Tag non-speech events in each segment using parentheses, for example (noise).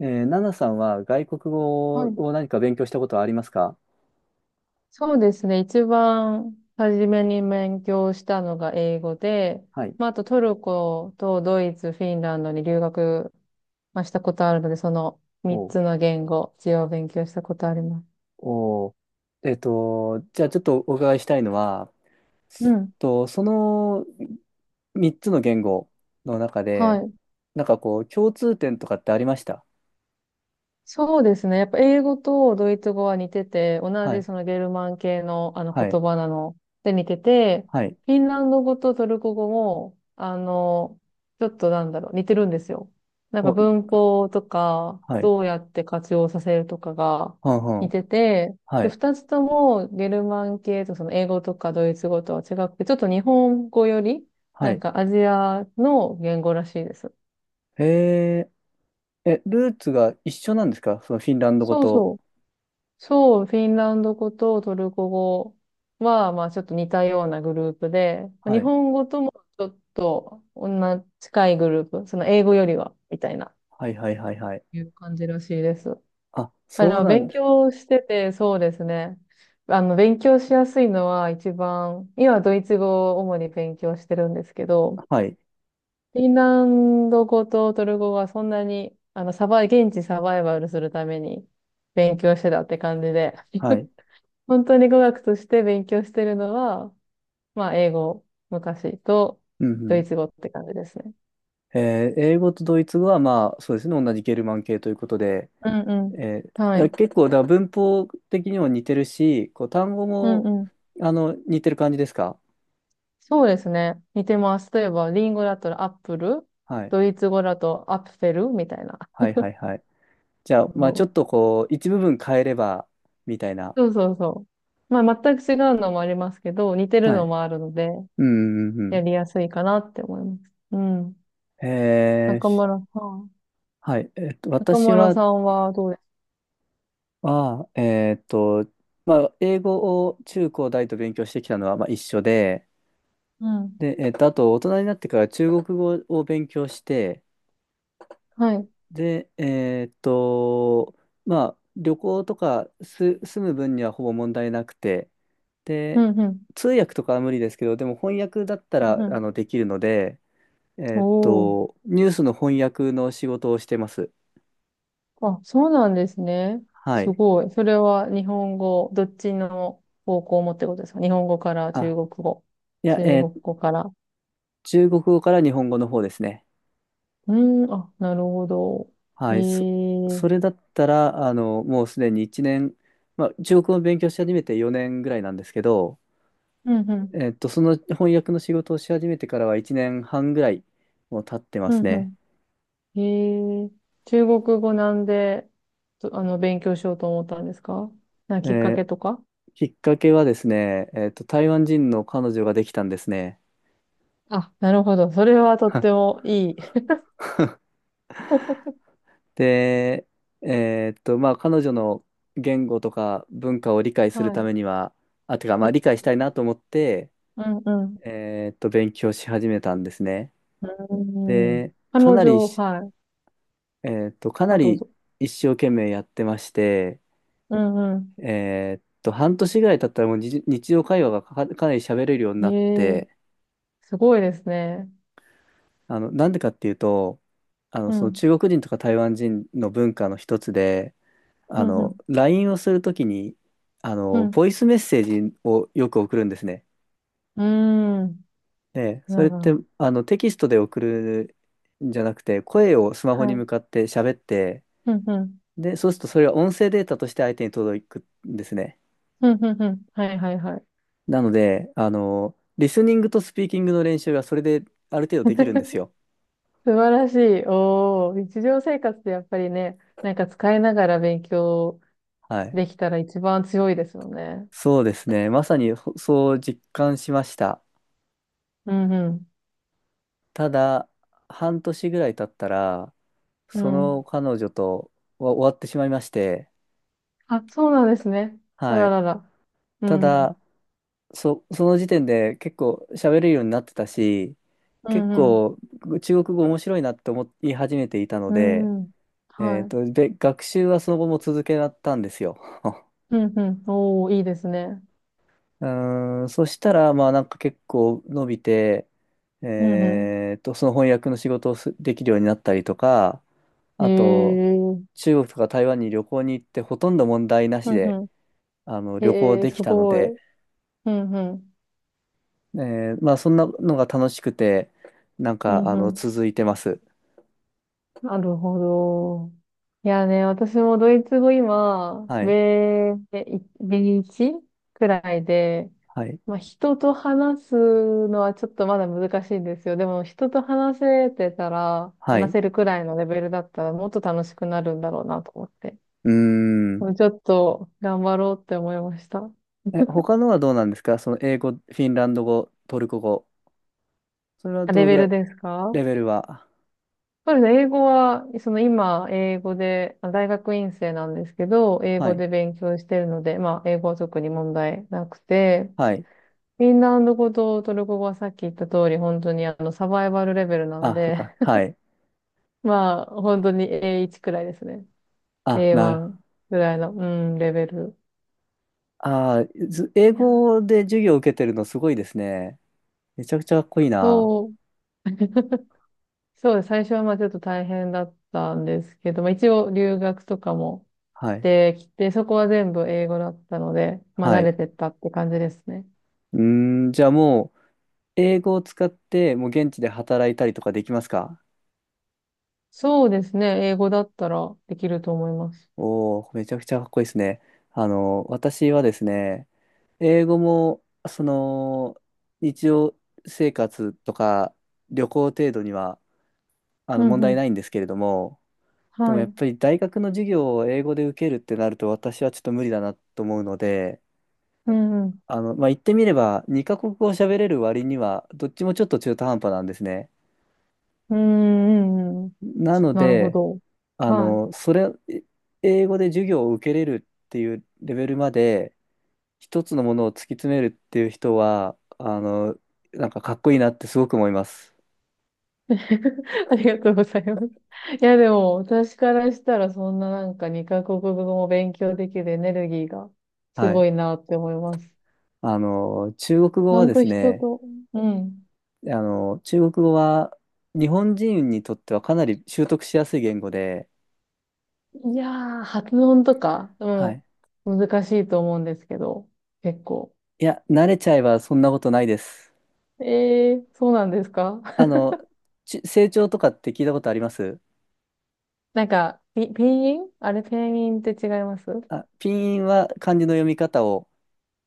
ナナさんは外国語はい。を何か勉強したことはありますか？そうですね。一番初めに勉強したのが英語で、はい。まあ、あとトルコとドイツ、フィンランドに留学、まあ、したことあるので、その3お。つの言語、一応勉強したことあります。お。じゃあちょっとお伺いしたいのは、うん。と、その3つの言語の中はで、い。こう、共通点とかってありました？そうですね。やっぱ英語とドイツ語は似てて、同はじい。そのゲルマン系のはい。言葉なので似てて、はい。フィンランド語とトルコ語も、ちょっとなんだろう、似てるんですよ。なんかお、文法とか、はい。どうやって活用させるとかがはんは似ん。てて、はで、い。二つともゲルマン系とその英語とかドイツ語とは違くて、ちょっと日本語より、はなんい。かアジアの言語らしいです。へえ。え、ルーツが一緒なんですか、そのフィンランド語そうと。そうそう、フィンランド語とトルコ語は、まあちょっと似たようなグループで、は日い。本語ともちょっと同じ近いグループ、その英語よりは、みたいな、はいはいはいはい。いう感じらしいです。あ、そうなん勉です。強してて、そうですね。勉強しやすいのは一番、今ドイツ語を主に勉強してるんですけど、はい。フィンランド語とトルコ語はそんなに、サバイ、現地サバイバルするために勉強してたって感じで。はい。本当に語学として勉強してるのは、まあ、英語、昔と、うドイん。ツ語って感じですね。英語とドイツ語は、まあ、そうですね、同じゲルマン系ということで、うんうえーん。はだい。結構、文法的にも似てるし、こう単語うんもうん。似てる感じですか？そうですね。似てます。例えば、リンゴだったらアップル、はい。ドイツ語だとアッフェルみたいな。はいはいはい。じゃあ、そまあ、ちょうっとこう、一部分変えれば、みたいな。そうそう。まあ、全く違うのもありますけど、似てるはのい。もあるので、うんうんやうりやすいかなって思います。うん。ん。え中ー。村さん。はい。中私村は、さんはどうですか？あー、えっと、まあ、英語を中高大と勉強してきたのは、まあ、一緒で、うん。で、あと、大人になってから中国語を勉強して、はい。で、えーっと、まあ、旅行とか住む分にはほぼ問題なくて、うで、んうん。通訳とかは無理ですけど、でも翻訳だったうんらうん。できるので、おー。ニュースの翻訳の仕事をしてます。あ、そうなんですね。はすい。ごい。それは日本語、どっちの方向もってことですか？日本語から中あ、国語。いや、中え国ー語から。中国語から日本語の方ですね。うーん、あ、なるほど。はへい。そえ。れだったら、あの、もうすでに1年、まあ、中国語を勉強し始めて4年ぐらいなんですけど、うんうん。その翻訳の仕事をし始めてからは1年半ぐらいもう経ってまうんすね。うん。へえ。中国語なんで、と勉強しようと思ったんですか？なんかえきっかー。けとか。きっかけはですね、台湾人の彼女ができたんですね。あ、なるほど。それはとって (laughs) もいい。(laughs) で、まあ、彼女の言語とか文化を理解するはたい。めには、あ、てか、まうあ、理ん解したいなと思って、うんうん。勉強し始めたんですね。うん。で、彼女、はい。かなあ、どうりぞ。一生懸命やってまして、うんう半年ぐらい経ったらもう日常会話がかなり喋れるようにん。なっへえ、て、すごいですね。あの、なんでかっていうと、あの、うそのん。中国人とか台湾人の文化の一つで、うあん、うの、ん、LINE をするときに、あうの、ん。ボイスメッセージをよく送るんですね。うーん。で、そなれるっほて、ど。あの、テキストで送るんじゃなくて、声をスマホにはい。向かって喋って、うん、うん。で、そうするとそれは音声データとして相手に届くんですね。うん、うん、うん。はい、はい、はい。なので、あの、リスニングとスピーキングの練習がそれである程度できるんです (laughs) よ。素晴らしい。おー。日常生活でやっぱりね、なんか使いながら勉強はい。できたら一番強いですよね。そうですね。まさにほそう実感しました。うん、うん。ただ、半年ぐらい経ったら、うそん。の彼女とは終わってしまいまして、あ、そうなんですね。あはらい。らら。うたん、うだ、ん。その時点で結構喋れるようになってたし、う結ん、うん。構中国語面白いなって思い始めていたのうで、ん、うん。はい。学習はその後も続けたんですよ。うん、うん。おー、いいですね。うーん、そしたら、まあなんか結構伸びて、うん、うその翻訳の仕事をできるようになったりとか、ん。へあと、え。うん、中国とか台湾に旅行に行ってほとんど問題なうしで、ん。あの、旅行へえ、できすたのごい。で、うんうん。えまあそんなのが楽しくて、なんうか、んあうの、ん。続いてます。なるほど。いやね、私もドイツ語今、はい。ベー1くらいで、はい。まあ人と話すのはちょっとまだ難しいんですよ。でも人と話せてたら、は話い。せるくらいのレベルだったらもっと楽しくなるんだろうなと思って。うーん。もうちょっと頑張ろうって思いました。え、他のはどうなんですか、その英語、フィンランド語、トルコ語。それはあ、どレのぐベらルい、ですか？レベルは。そうですね。英語は、その今、英語で、まあ大学院生なんですけど、英は語い。で勉強してるので、まあ、英語は特に問題なくて、はい。フィンランド語とトルコ語はさっき言った通り、本当にサバイバルレベルなんあ、そっで、か。はい。(laughs) まあ、本当に A1 くらいですね。あ、なる。A1 くらいの、うん、レベル。あー、ず英いやー、語で授業を受けてるのすごいですね。めちゃくちゃかっこいいな。そう、そうです。最初はまあ、ちょっと大変だったんですけど、まあ、一応留学とかもはい。できて、そこは全部英語だったので、まあ、は慣れい。てったって感じですね。うーん、じゃあもう、英語を使って、もう現地で働いたりとかできますか？そうですね。英語だったらできると思います。おおー、めちゃくちゃかっこいいですね。あの、私はですね、英語も、その、日常生活とか旅行程度には、あうの、問んう題ん。ないんですけれども、ではもやっい。ぱり大学の授業を英語で受けるってなると私はちょっと無理だなと思うので、うんうん。あの、まあ、言ってみれば、2カ国語を喋れる割には、どっちもちょっと中途半端なんですね。うんうんうん。なのなるほで、ど。あはい。の、それ、え英語で授業を受けれるっていうレベルまで、一つのものを突き詰めるっていう人は、あの、なんかかっこいいなってすごく思います。(laughs) ありがとうございます。いや、でも、私からしたら、そんななんか2カ国語も勉強できるエネルギーがすはい。ごいなって思います。あの、中国ち語ゃはんでとす人ね、と、うん。あの、中国語は日本人にとってはかなり習得しやすい言語で、いやー、発音とか、はい。もう難しいと思うんですけど、結構。いや、慣れちゃえばそんなことないです。えー、そうなんですか？あの、成長とかって聞いたことあります？なんか、ピンインあれ、ペンインって違います？あ、ピンは漢字の読み方を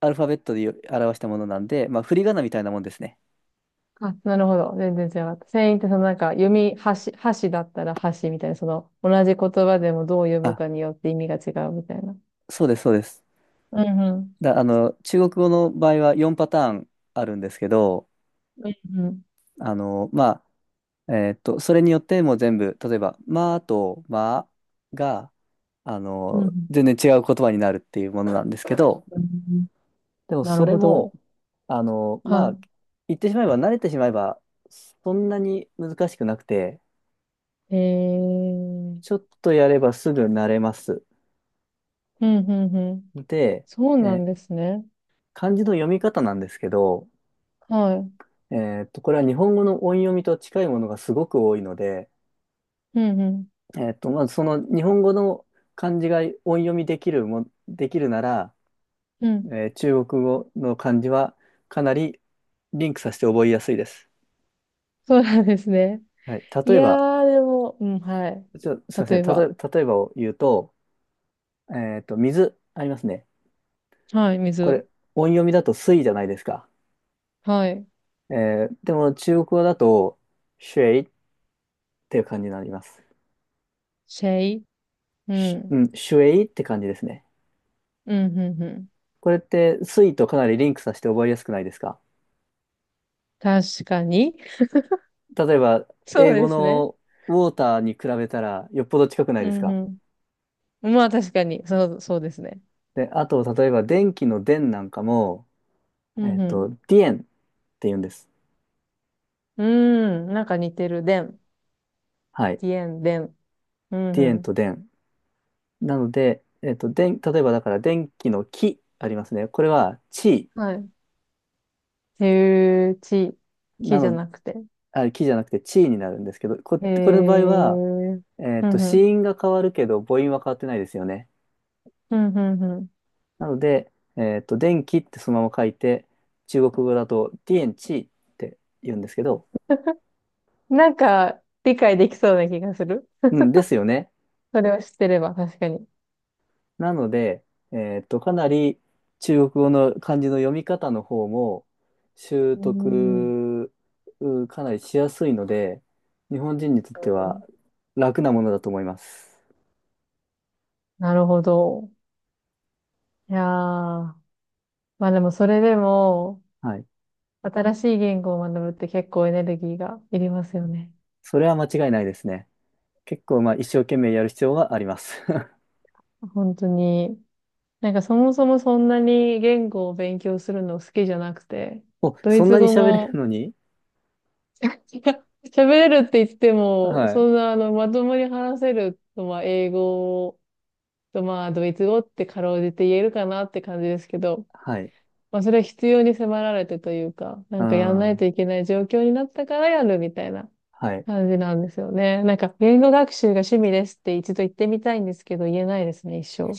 アルファベットで表したものなんで、まあ、振り仮名みたいなもんですね。あ、なるほど。全然違かった。ペンインってそのなんか、読み、箸だったら箸みたいな、その、同じ言葉でもどう読むあ、かによって意味が違うみたいな。そうです、そうです。うんうん。だ、あの、中国語の場合は4パターンあるんですけど、うんうん。あの、まあ、それによってもう全部、例えば、まあとまあが、あうんうの、ん。全然違う言葉になるっていうものなんですけど、うん、でもなそるれほも、ど。あの、まはあ、言ってしまえば、慣れてしまえば、そんなに難しくなくて、い。えちょー。っとやればすぐ慣れます。うんうんうん。で、そうなんえ、ですね。漢字の読み方なんですけど、はい。これは日本語の音読みと近いものがすごく多いので、うんうん。まずその日本語の漢字が音読みできるも、できるなら、うん。中国語の漢字はかなりリンクさせて覚えやすいです。そうなんですね。はい。い例えやば、ー、でも、うん、はい。ちょ、すいませ例ん。えば、例えばを言うと、水ありますね。はい、こ水。れ、音読みだと水じゃないですか。はい。えでも中国語だと、シュエイっていう感じになります。シェイ。うしん。うん、シュエイって感じですね。うん、うん、うん。これって水とかなりリンクさせて覚えやすくないですか？確かに。例えば、そう英語ですね。のウォーターに比べたらよっぽど近くないうですか？ん、うん。まあ確かに、そうですね。で、あと、例えば電気の電なんかも、うん、うん。ディエンって言うんです。うん、なんか似てる。でん。はい。ディエン、でん。うん、デうィエンとん。電。なので、電、例えばだから電気の気ありますね。これは地はい。ていうち、なきじゃの、なくて。あ、キじゃなくてチーになるんですけど、へこれの場合は、え。うん、う子ん。音が変わるけど母音は変わってないですよね。うん、うん、うなので、電気ってそのまま書いて、中国語だとディエンチーって言うんですけど、ん。なんか、理解できそうな気がする。うん、ですよね。それを知ってれば、確かに。なので、かなり中国語の漢字の読み方の方も習うん。うん、得うかなりしやすいので、日本人にとっては楽なものだと思います。なるほど。いやー。まあでもそれでも、はい。新しい言語を学ぶって結構エネルギーがいりますよね。それは間違いないですね。結構まあ一生懸命やる必要があります。(laughs) 本当に。なんかそもそもそんなに言語を勉強するの好きじゃなくて、お、ドそイんツなに語喋れるも のに。 (laughs) 喋れるって言っても、はそい。んなまともに話せると、まあ英語とまあドイツ語ってかろうじて言えるかなって感じですけど、はい。まあそれは必要に迫られてというか、なあんかやんないといあ、けない状況になったからやるみたいなはい。感じなんですよね。なんか、言語学習が趣味ですって一度言ってみたいんですけど、言えないですね、一生。